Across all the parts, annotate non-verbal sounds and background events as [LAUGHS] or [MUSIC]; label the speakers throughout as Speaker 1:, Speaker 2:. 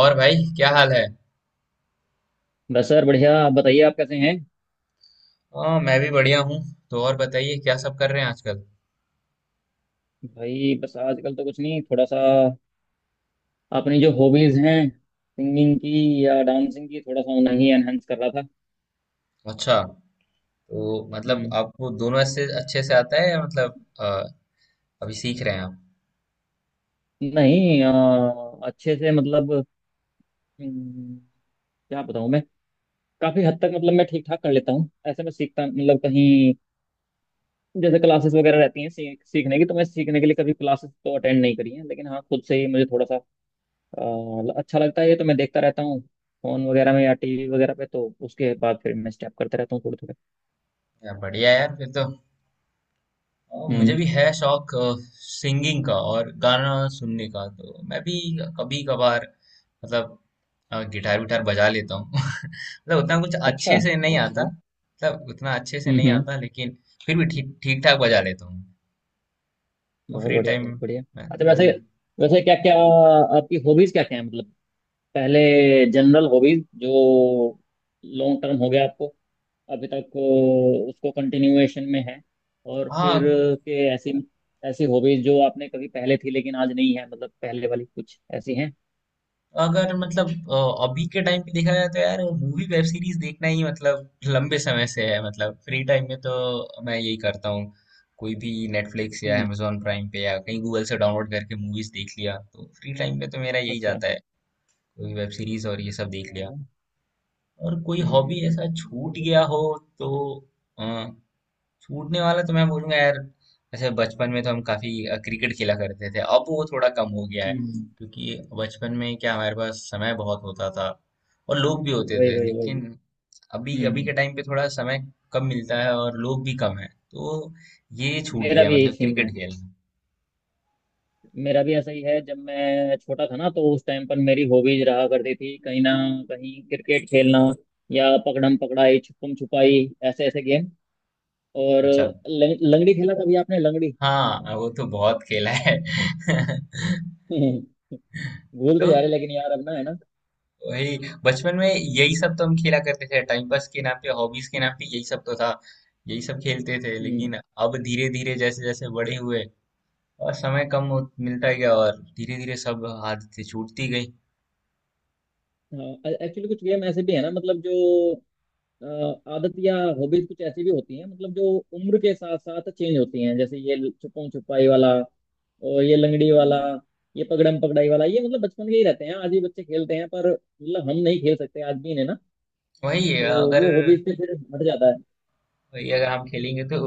Speaker 1: और भाई क्या हाल है।
Speaker 2: बस सर बढ़िया। आप बताइए आप कैसे हैं?
Speaker 1: हाँ, मैं भी बढ़िया हूँ। तो और बताइए क्या सब कर रहे हैं आजकल।
Speaker 2: भाई बस आजकल तो कुछ नहीं, थोड़ा सा अपनी जो हॉबीज हैं सिंगिंग की या डांसिंग की, थोड़ा सा उन्हें ही एनहेंस कर रहा था।
Speaker 1: अच्छा। तो मतलब
Speaker 2: हम्म।
Speaker 1: आपको दोनों से अच्छे से आता है, या मतलब अभी सीख रहे हैं आप।
Speaker 2: नहीं, अच्छे से मतलब हम्म, क्या बताऊँ मैं? काफी हद तक मतलब मैं ठीक ठाक कर लेता हूँ ऐसे। मैं सीखता मतलब कहीं जैसे क्लासेस वगैरह रहती हैं सीखने की, तो मैं सीखने के लिए कभी क्लासेस तो अटेंड नहीं करी हैं, लेकिन हाँ खुद से ही मुझे थोड़ा सा अ, अच्छा लगता है, ये तो मैं देखता रहता हूँ फोन वगैरह में या टीवी वगैरह पे, तो उसके बाद फिर मैं स्टेप करता रहता हूँ थोड़े थोड़े।
Speaker 1: यार बढ़िया यार फिर तो। मुझे
Speaker 2: हम्म।
Speaker 1: भी है शौक सिंगिंग का और गाना सुनने का, तो मैं भी कभी कभार मतलब गिटार विटार बजा लेता हूँ [LAUGHS] मतलब उतना कुछ
Speaker 2: अच्छा,
Speaker 1: अच्छे से नहीं
Speaker 2: बहुत
Speaker 1: आता।
Speaker 2: बढ़िया।
Speaker 1: मतलब उतना अच्छे से नहीं
Speaker 2: हम्म।
Speaker 1: आता, लेकिन फिर भी ठीक ठीक ठाक बजा लेता हूँ। तो
Speaker 2: बहुत
Speaker 1: फ्री
Speaker 2: बढ़िया,
Speaker 1: टाइम
Speaker 2: बहुत बढ़िया।
Speaker 1: में।
Speaker 2: अच्छा
Speaker 1: हाँ
Speaker 2: वैसे,
Speaker 1: जी।
Speaker 2: वैसे क्या क्या आपकी हॉबीज क्या क्या है, मतलब पहले जनरल हॉबीज जो लॉन्ग टर्म हो गया आपको अभी तक, उसको कंटिन्यूएशन में है। और
Speaker 1: हाँ,
Speaker 2: फिर के ऐसी, ऐसी हॉबीज जो आपने कभी पहले थी लेकिन आज नहीं है, मतलब पहले वाली कुछ ऐसी हैं।
Speaker 1: अगर मतलब अभी के टाइम पे देखा जाए तो यार मूवी वेब सीरीज देखना ही मतलब लंबे समय से है, मतलब फ्री टाइम में तो मैं यही करता हूँ। कोई भी नेटफ्लिक्स या
Speaker 2: हम्म।
Speaker 1: amazon प्राइम पे या कहीं गूगल से डाउनलोड करके मूवीज देख लिया, तो फ्री टाइम पे तो मेरा यही
Speaker 2: अच्छा।
Speaker 1: जाता है। कोई वेब सीरीज और ये सब देख लिया।
Speaker 2: चलो।
Speaker 1: और कोई हॉबी ऐसा छूट
Speaker 2: बढ़िया।
Speaker 1: गया हो तो। छूटने वाला तो मैं बोलूंगा यार, ऐसे बचपन में तो हम काफी क्रिकेट खेला करते थे, अब वो थोड़ा कम हो गया है।
Speaker 2: हम्म हम्म,
Speaker 1: क्योंकि बचपन में क्या, हमारे पास समय बहुत होता था और लोग भी होते
Speaker 2: वही
Speaker 1: थे,
Speaker 2: वही वही।
Speaker 1: लेकिन अभी अभी के
Speaker 2: हम्म।
Speaker 1: टाइम पे थोड़ा समय कम मिलता है और लोग भी कम है, तो ये छूट
Speaker 2: मेरा
Speaker 1: गया है,
Speaker 2: भी यही
Speaker 1: मतलब
Speaker 2: सीन है।
Speaker 1: क्रिकेट खेलना।
Speaker 2: मेरा भी ऐसा ही है, जब मैं छोटा था ना तो उस टाइम पर मेरी हॉबीज रहा करती थी कहीं ना कहीं क्रिकेट खेलना, या पकड़म पकड़ाई, छुपम छुपाई, ऐसे ऐसे गेम। और
Speaker 1: अच्छा।
Speaker 2: लंगड़ी खेला कभी आपने लंगड़ी?
Speaker 1: हाँ, वो तो बहुत खेला है। [LAUGHS]
Speaker 2: [LAUGHS] भूलते
Speaker 1: तो
Speaker 2: जा रहे लेकिन, यार अब ना है ना।
Speaker 1: वही, बचपन में यही सब तो हम खेला करते थे, टाइम पास के नाम पे, हॉबीज के नाम पे यही सब तो था। यही सब खेलते थे, लेकिन
Speaker 2: हम्म।
Speaker 1: अब धीरे धीरे, जैसे जैसे बड़े हुए और समय कम मिलता गया, और धीरे धीरे सब आदतें छूटती गई।
Speaker 2: एक्चुअली कुछ गेम ऐसे भी है ना मतलब जो अ, आदत या हॉबीज कुछ ऐसी भी होती हैं मतलब जो उम्र के साथ साथ चेंज होती हैं, जैसे ये छुपम छुपाई वाला और ये लंगड़ी वाला, ये पकड़म पकड़ाई वाला, ये मतलब बचपन के ही रहते हैं, आज भी बच्चे खेलते हैं, पर मतलब हम नहीं खेल सकते आज भी इन्हें ना,
Speaker 1: वही है,
Speaker 2: तो
Speaker 1: अगर
Speaker 2: वो हॉबीज से फिर हट जाता है।
Speaker 1: वही अगर हम खेलेंगे तो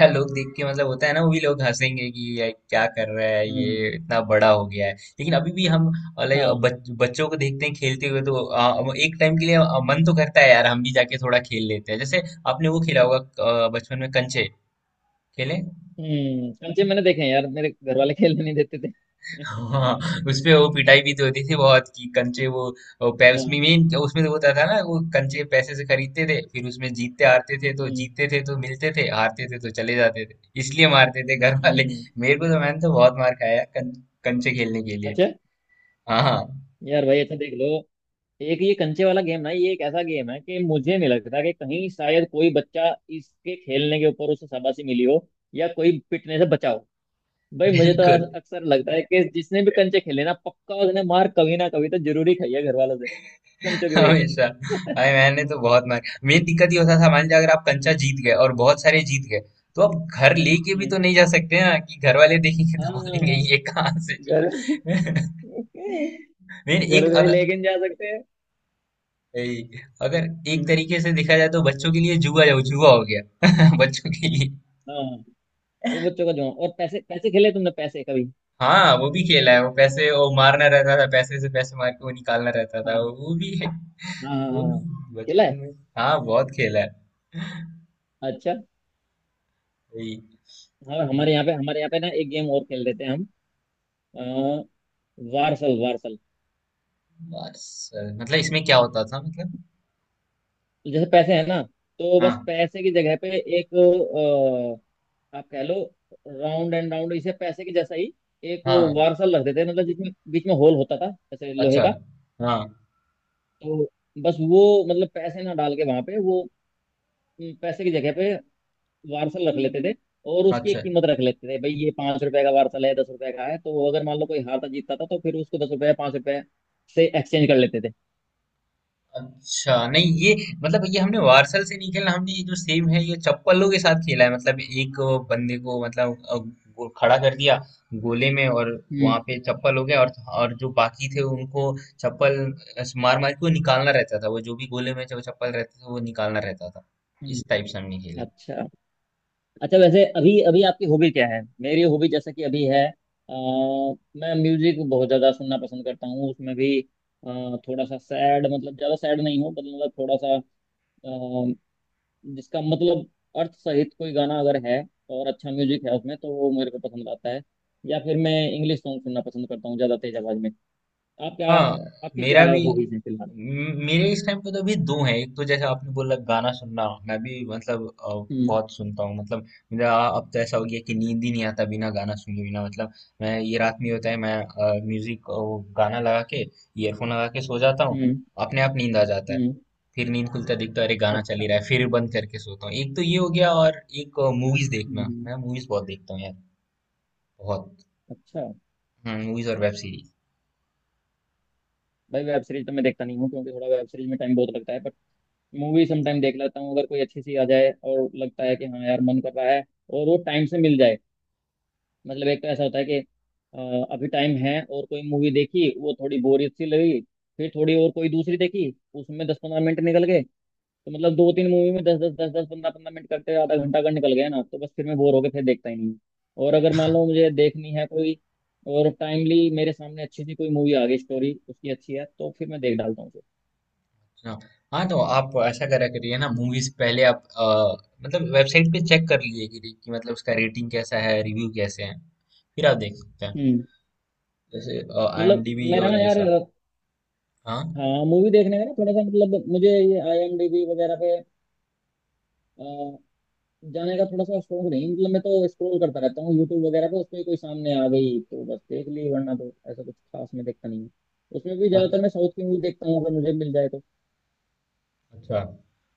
Speaker 1: यार, लोग देख के मतलब होता है ना, वो भी लोग हंसेंगे कि ये क्या कर रहा है, ये
Speaker 2: हम्म।
Speaker 1: इतना बड़ा हो गया है, लेकिन अभी भी हम लाइक
Speaker 2: हाँ।
Speaker 1: बच्चों को देखते हैं खेलते हुए, तो एक टाइम के लिए मन तो करता है यार, हम भी जाके थोड़ा खेल लेते हैं। जैसे आपने वो खेला होगा बचपन में कंचे खेले।
Speaker 2: कंचे मैंने देखे हैं यार, मेरे घर वाले खेलने नहीं देते थे। [LAUGHS] हाँ।
Speaker 1: हाँ, उसपे वो पिटाई भी तो होती थी बहुत, कि कंचे वो उसमें मेन, उसमें तो होता था ना, वो कंचे पैसे से खरीदते थे, फिर उसमें जीतते हारते थे, तो
Speaker 2: हम्म
Speaker 1: जीतते थे तो मिलते थे, हारते थे तो चले जाते थे। इसलिए मारते थे घर वाले।
Speaker 2: हम्म।
Speaker 1: मेरे को तो मैंने तो बहुत मार खाया है कंचे खेलने के लिए।
Speaker 2: अच्छा।
Speaker 1: हाँ, हाँ।
Speaker 2: यार भाई अच्छा देख लो, एक ये कंचे वाला गेम ना, ये एक ऐसा गेम है कि मुझे नहीं लगता कि कहीं शायद कोई बच्चा इसके खेलने के ऊपर उसे शाबाशी मिली हो या कोई पिटने से बचा हो। भाई मुझे तो
Speaker 1: बिल्कुल।
Speaker 2: अक्सर लगता है कि जिसने भी कंचे खेले ना, पक्का उसने मार कभी ना कभी तो जरूरी खाई है घर वालों से, कंचों की वजह
Speaker 1: हमेशा,
Speaker 2: से।
Speaker 1: अरे
Speaker 2: [LAUGHS]
Speaker 1: मैंने तो बहुत मार। मेन दिक्कत ये होता था, मान लीजिए अगर आप कंचा जीत गए और बहुत सारे जीत गए, तो आप घर लेके भी
Speaker 2: हम्म,
Speaker 1: तो नहीं जा सकते ना, कि घर वाले देखेंगे तो बोलेंगे
Speaker 2: हाँ।
Speaker 1: ये कहाँ से
Speaker 2: घर
Speaker 1: जीता। [LAUGHS] मेन
Speaker 2: घर
Speaker 1: एक
Speaker 2: से
Speaker 1: अगर
Speaker 2: लेकिन जा सकते हैं।
Speaker 1: ए- अगर एक
Speaker 2: हम्म।
Speaker 1: तरीके से देखा जाए तो बच्चों के लिए जुआ हो गया [LAUGHS] बच्चों के लिए।
Speaker 2: हाँ, वो बच्चों का जो, और पैसे पैसे खेले तुमने पैसे कभी?
Speaker 1: हाँ, वो भी खेला है, वो पैसे वो मारना रहता था, पैसे से पैसे मार के वो निकालना रहता था,
Speaker 2: हाँ
Speaker 1: वो भी है।
Speaker 2: हाँ हाँ,
Speaker 1: वो
Speaker 2: हाँ,
Speaker 1: भी
Speaker 2: हाँ। खेला
Speaker 1: बचपन
Speaker 2: है।
Speaker 1: में। हाँ, बहुत खेला है।
Speaker 2: अच्छा।
Speaker 1: वही।
Speaker 2: हाँ हमारे यहाँ पे, हमारे यहाँ पे ना एक गेम और खेल देते हैं हम, अ, वारसल, वारसल।
Speaker 1: बस मतलब इसमें क्या होता था मतलब।
Speaker 2: तो जैसे पैसे हैं ना, तो बस
Speaker 1: हाँ,
Speaker 2: पैसे की जगह पे एक आप कह लो राउंड एंड राउंड, इसे पैसे के जैसा ही एक
Speaker 1: हाँ।
Speaker 2: वारसल रख देते हैं, मतलब जिसमें बीच में होल होता था, जैसे लोहे
Speaker 1: अच्छा।
Speaker 2: का।
Speaker 1: हाँ।
Speaker 2: तो बस वो, मतलब पैसे ना डाल के, वहां पे वो पैसे की जगह पे वारसल रख लेते थे, और उसकी एक
Speaker 1: अच्छा।
Speaker 2: कीमत रख लेते थे, भाई ये पांच रुपए का वारसल है, दस रुपए का है। तो अगर मान लो कोई हारता जीतता था तो फिर उसको दस रुपए, पांच रुपए से एक्सचेंज कर लेते थे।
Speaker 1: अच्छा नहीं, ये मतलब ये हमने वार्सल से नहीं खेला, हमने ये जो सेम है ये चप्पलों के साथ खेला है, मतलब एक बंदे को मतलब खड़ा कर दिया गोले में, और वहां
Speaker 2: हम्म
Speaker 1: पे चप्पल हो गया, और जो बाकी थे उनको चप्पल मार मार के वो निकालना रहता था, वो जो भी गोले में जो चप्पल रहते थे वो निकालना रहता था।
Speaker 2: हम्म,
Speaker 1: इस टाइप से हमने खेला।
Speaker 2: अच्छा। अच्छा वैसे अभी, अभी आपकी हॉबी क्या है, मेरी हॉबी जैसा कि अभी है, अ, मैं म्यूजिक बहुत ज्यादा सुनना पसंद करता हूँ, उसमें भी थोड़ा सा सैड, मतलब ज्यादा सैड नहीं हो, बट मतलब थोड़ा सा अ, जिसका मतलब अर्थ सहित कोई गाना अगर है और अच्छा म्यूजिक है उसमें, तो वो मेरे को पसंद आता है। या फिर मैं इंग्लिश सॉन्ग सुनना पसंद करता हूँ ज्यादा तेज आवाज में। आप क्या,
Speaker 1: हाँ,
Speaker 2: आपकी क्या
Speaker 1: मेरा भी
Speaker 2: हॉबीज है फिलहाल?
Speaker 1: मेरे इस टाइम पे तो अभी दो हैं, एक तो जैसे आपने बोला गाना सुनना, मैं भी मतलब
Speaker 2: हम्म
Speaker 1: बहुत सुनता हूँ मतलब। मेरा अब तो ऐसा हो गया कि नींद ही नहीं आता बिना गाना सुने बिना, मतलब मैं ये रात में होता है मैं म्यूजिक वो गाना लगा के, ईयरफोन लगा के सो जाता हूँ।
Speaker 2: हम्म
Speaker 1: अपने आप नींद आ जाता है।
Speaker 2: हम्म।
Speaker 1: फिर नींद खुलता दिखता है, अरे गाना चल ही
Speaker 2: अच्छा।
Speaker 1: रहा है, फिर बंद करके सोता हूँ। एक तो ये हो गया और एक मूवीज
Speaker 2: हम्म
Speaker 1: देखना,
Speaker 2: हम्म,
Speaker 1: मैं मूवीज बहुत देखता हूँ यार। बहुत।
Speaker 2: अच्छा।
Speaker 1: मूवीज और वेब सीरीज।
Speaker 2: भाई वेब सीरीज तो मैं देखता नहीं हूँ, क्योंकि थोड़ा वेब सीरीज में टाइम बहुत लगता है, बट मूवी समटाइम देख लेता हूँ अगर कोई अच्छी सी आ जाए और लगता है कि हाँ यार मन कर रहा है और वो टाइम से मिल जाए। मतलब एक तो ऐसा होता है कि अभी टाइम है और कोई मूवी देखी, वो थोड़ी बोरियत सी लगी, फिर थोड़ी और कोई दूसरी देखी, उसमें दस पंद्रह मिनट निकल गए, तो मतलब दो तीन मूवी में दस दस दस दस पंद्रह पंद्रह मिनट करते आधा घंटा अगर निकल गया ना, तो बस फिर मैं बोर होके फिर देखता ही नहीं हूँ। और अगर मान लो मुझे देखनी है कोई और टाइमली मेरे सामने अच्छी सी कोई मूवी आ गई, स्टोरी उसकी अच्छी है, तो फिर मैं देख डालता हूँ उसे।
Speaker 1: हाँ, हाँ, तो आप ऐसा करा करिए ना, मूवीज पहले आप मतलब वेबसाइट पे चेक कर लीजिए कि मतलब उसका रेटिंग कैसा है, रिव्यू कैसे हैं, फिर आप देख सकते हैं,
Speaker 2: हम्म।
Speaker 1: जैसे
Speaker 2: मतलब
Speaker 1: आईएमडीबी
Speaker 2: मेरा
Speaker 1: और
Speaker 2: ना
Speaker 1: ये
Speaker 2: यार,
Speaker 1: सब। हाँ,
Speaker 2: हाँ, मूवी देखने का ना थोड़ा सा मतलब, मुझे ये आईएमडीबी वगैरह पे जाने का थोड़ा सा शौक नहीं। मतलब मैं तो स्क्रॉल करता रहता हूँ यूट्यूब वगैरह पे, उसमें कोई सामने आ गई तो बस देख ली, वरना तो ऐसा कुछ खास मैं देखता नहीं हूँ। उसमें भी ज्यादातर
Speaker 1: अच्छा,
Speaker 2: मैं साउथ की मूवी देखता हूँ अगर मुझे मिल जाए तो।
Speaker 1: अच्छा।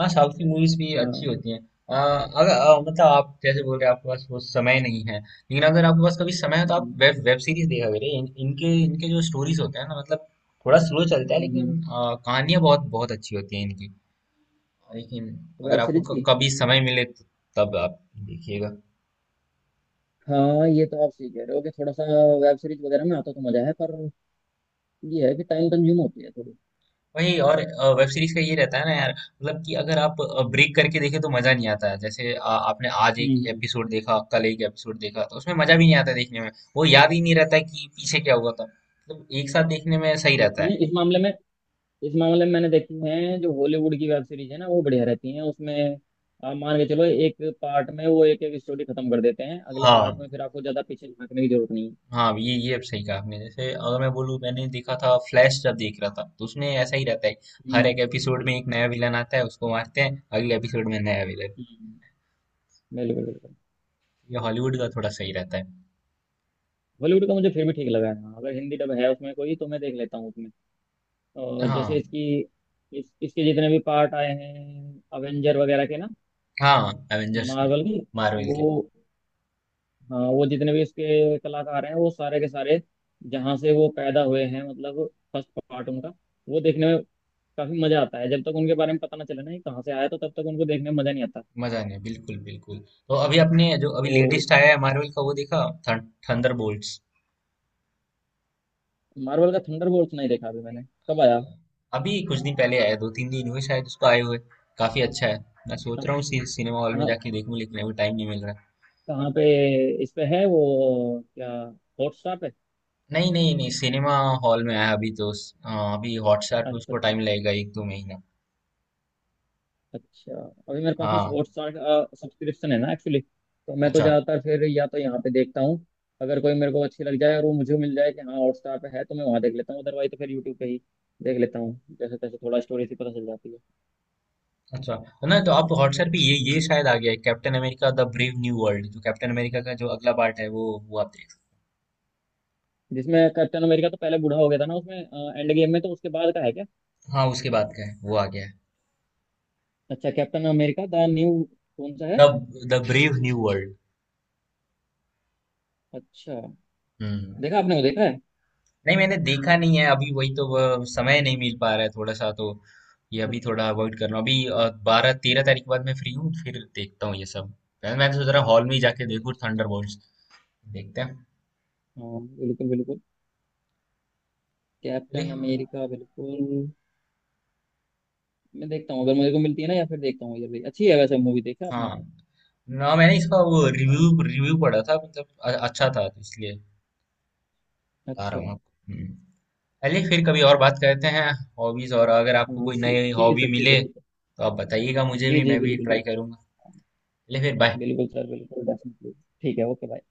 Speaker 1: हाँ, साउथ की मूवीज भी
Speaker 2: हाँ।
Speaker 1: अच्छी होती हैं। अगर मतलब आप जैसे बोल रहे हैं, आपके पास वो समय नहीं है, लेकिन अगर आपके पास कभी समय है तो आप
Speaker 2: हम्म
Speaker 1: वेब वेब सीरीज देखा करिए, इन, इनके इनके जो स्टोरीज होते हैं ना मतलब, थोड़ा स्लो चलता है, लेकिन
Speaker 2: हम्म।
Speaker 1: कहानियाँ बहुत बहुत अच्छी होती हैं इनकी। लेकिन
Speaker 2: वेब
Speaker 1: अगर आपको
Speaker 2: सीरीज की
Speaker 1: कभी समय मिले तो तब आप देखिएगा।
Speaker 2: हाँ, ये तो आप सही कह रहे हो कि थोड़ा सा वेब सीरीज वगैरह में आता तो मजा है, पर ये है कि टाइम कंज्यूम होती है थोड़ी।
Speaker 1: वही, और वेब सीरीज का ये रहता है ना यार, मतलब कि अगर आप ब्रेक करके देखे तो मजा नहीं आता है, जैसे आपने आज एक
Speaker 2: हम्म हम्म।
Speaker 1: एपिसोड देखा, कल एक एपिसोड देखा, तो उसमें मजा भी नहीं आता देखने में। वो याद ही नहीं रहता है कि पीछे क्या हुआ था, मतलब एक साथ देखने में सही रहता है।
Speaker 2: नहीं, इस मामले में, इस मामले में मैंने देखी है, जो हॉलीवुड की वेब सीरीज है ना, वो बढ़िया रहती है। उसमें आप मान के चलो एक पार्ट में वो एक एक स्टोरी खत्म कर देते हैं, अगले
Speaker 1: हाँ,
Speaker 2: पार्ट में फिर आपको ज्यादा पीछे झांकने की जरूरत नहीं है।
Speaker 1: हाँ, ये अब सही कहा आपने, जैसे अगर मैं बोलूँ, मैंने देखा था फ्लैश, जब देख रहा था तो उसमें ऐसा ही रहता है। हर
Speaker 2: हम्म
Speaker 1: एक एपिसोड में एक नया विलन आता है, उसको मारते हैं, अगले एपिसोड में नया विलन।
Speaker 2: हम्म, बिल्कुल बिल्कुल।
Speaker 1: ये हॉलीवुड का थोड़ा सही रहता है।
Speaker 2: हॉलीवुड का मुझे फिर भी ठीक लगा है हाँ, अगर हिंदी डब है उसमें कोई तो मैं देख लेता हूँ उसमें। और जैसे
Speaker 1: हाँ,
Speaker 2: इसकी, इस इसके जितने भी पार्ट आए हैं, अवेंजर वगैरह के ना,
Speaker 1: हाँ, एवेंजर्स के,
Speaker 2: मार्वल के,
Speaker 1: मार्वल
Speaker 2: वो,
Speaker 1: के।
Speaker 2: हाँ वो जितने भी इसके कलाकार हैं वो सारे के सारे, जहाँ से वो पैदा हुए हैं मतलब फर्स्ट पार्ट उनका, वो देखने में काफी मजा आता है। जब तक उनके बारे में पता ना चले ना ये कहाँ से आया, तो तब तक उनको देखने में मजा नहीं आता।
Speaker 1: मजा नहीं, बिल्कुल बिल्कुल। तो अभी आपने जो अभी
Speaker 2: तो
Speaker 1: लेटेस्ट आया है मार्वल का वो देखा, थंडर बोल्ट्स।
Speaker 2: मार्वल का थंडरबोल्ट्स नहीं देखा अभी मैंने। कब आया?
Speaker 1: अभी कुछ दिन पहले आया, 2-3 दिन हुए शायद उसको आए हुए। काफी अच्छा है। मैं सोच रहा हूँ
Speaker 2: अच्छा।
Speaker 1: सिनेमा हॉल में
Speaker 2: कहाँ,
Speaker 1: जाके देखूं, लेकिन अभी टाइम नहीं मिल रहा।
Speaker 2: कहाँ पे, इस पे है वो क्या, हॉटस्टार पे?
Speaker 1: नहीं, नहीं, नहीं, सिनेमा हॉल में आया अभी तो हाँ, अभी हॉटस्टार पे
Speaker 2: अच्छा
Speaker 1: उसको
Speaker 2: अच्छा
Speaker 1: टाइम
Speaker 2: अच्छा।
Speaker 1: लगेगा 1-2 महीना।
Speaker 2: अच्छा अभी मेरे पास में
Speaker 1: हाँ,
Speaker 2: हॉटस्टार सब्सक्रिप्शन है ना एक्चुअली, तो मैं तो
Speaker 1: अच्छा,
Speaker 2: ज़्यादातर फिर या तो यहाँ पे देखता हूँ। अगर कोई मेरे को अच्छी लग जाए और वो मुझे मिल जाए कि हाँ हॉटस्टार पे है, तो मैं वहाँ देख लेता हूँ, अदरवाइज तो फिर यूट्यूब पे ही देख लेता हूँ जैसे तैसे, थोड़ा स्टोरी से पता चल जाती है।
Speaker 1: अच्छा। तो ना, तो आप हॉटस्टार पे ये
Speaker 2: हम्म।
Speaker 1: ये शायद आ गया है, Captain America the brave new world, जो कैप्टन अमेरिका का जो अगला पार्ट है, वो आप।
Speaker 2: जिसमें कैप्टन अमेरिका तो पहले बूढ़ा हो गया था ना उसमें एंड गेम में, तो उसके बाद का है क्या?
Speaker 1: हाँ, उसके बाद का है, वो आ गया है।
Speaker 2: अच्छा, कैप्टन अमेरिका द न्यू, कौन सा है?
Speaker 1: The the brave new world.
Speaker 2: अच्छा।
Speaker 1: हम्म।
Speaker 2: देखा आपने, वो देखा है?
Speaker 1: नहीं, मैंने देखा नहीं है अभी, वही तो वह समय नहीं मिल पा रहा है थोड़ा सा तो, ये अभी
Speaker 2: अच्छा
Speaker 1: थोड़ा
Speaker 2: अच्छा
Speaker 1: अवॉइड कर रहा हूँ, अभी 12-13 तारीख के बाद मैं फ्री हूँ, फिर देखता हूँ ये सब। मैंने मैंने सोच रहा हॉल में ही जाके
Speaker 2: अच्छा।
Speaker 1: देखूँ
Speaker 2: अच्छा। अच्छा।
Speaker 1: थंडरबोल्ट्स। देखते हैं।
Speaker 2: हाँ बिल्कुल बिल्कुल। कैप्टन
Speaker 1: अरे,
Speaker 2: अमेरिका, बिल्कुल मैं देखता हूँ अगर मेरे को मिलती है ना, या फिर देखता हूँ, ये भी अच्छी है वैसे मूवी, देखा आपने?
Speaker 1: हाँ, ना मैंने इसका वो
Speaker 2: अच्छा
Speaker 1: रिव्यू रिव्यू पढ़ा था, मतलब अच्छा था तो इसलिए बता
Speaker 2: अच्छा।
Speaker 1: रहा हूँ आपको। हम्म। चलिए, फिर कभी और बात करते हैं हॉबीज, और अगर आपको
Speaker 2: हाँ
Speaker 1: कोई नई
Speaker 2: ठीक है
Speaker 1: हॉबी
Speaker 2: सर, ठीक है,
Speaker 1: मिले
Speaker 2: ठीक है।
Speaker 1: तो आप बताइएगा मुझे
Speaker 2: जी
Speaker 1: भी,
Speaker 2: जी
Speaker 1: मैं भी
Speaker 2: बिल्कुल।
Speaker 1: ट्राई करूंगा।
Speaker 2: बिल्कुल।
Speaker 1: चलिए फिर, बाय।
Speaker 2: बिल्कुल सर, बिल्कुल डेफिनेटली। ठीक है, ओके, बाय।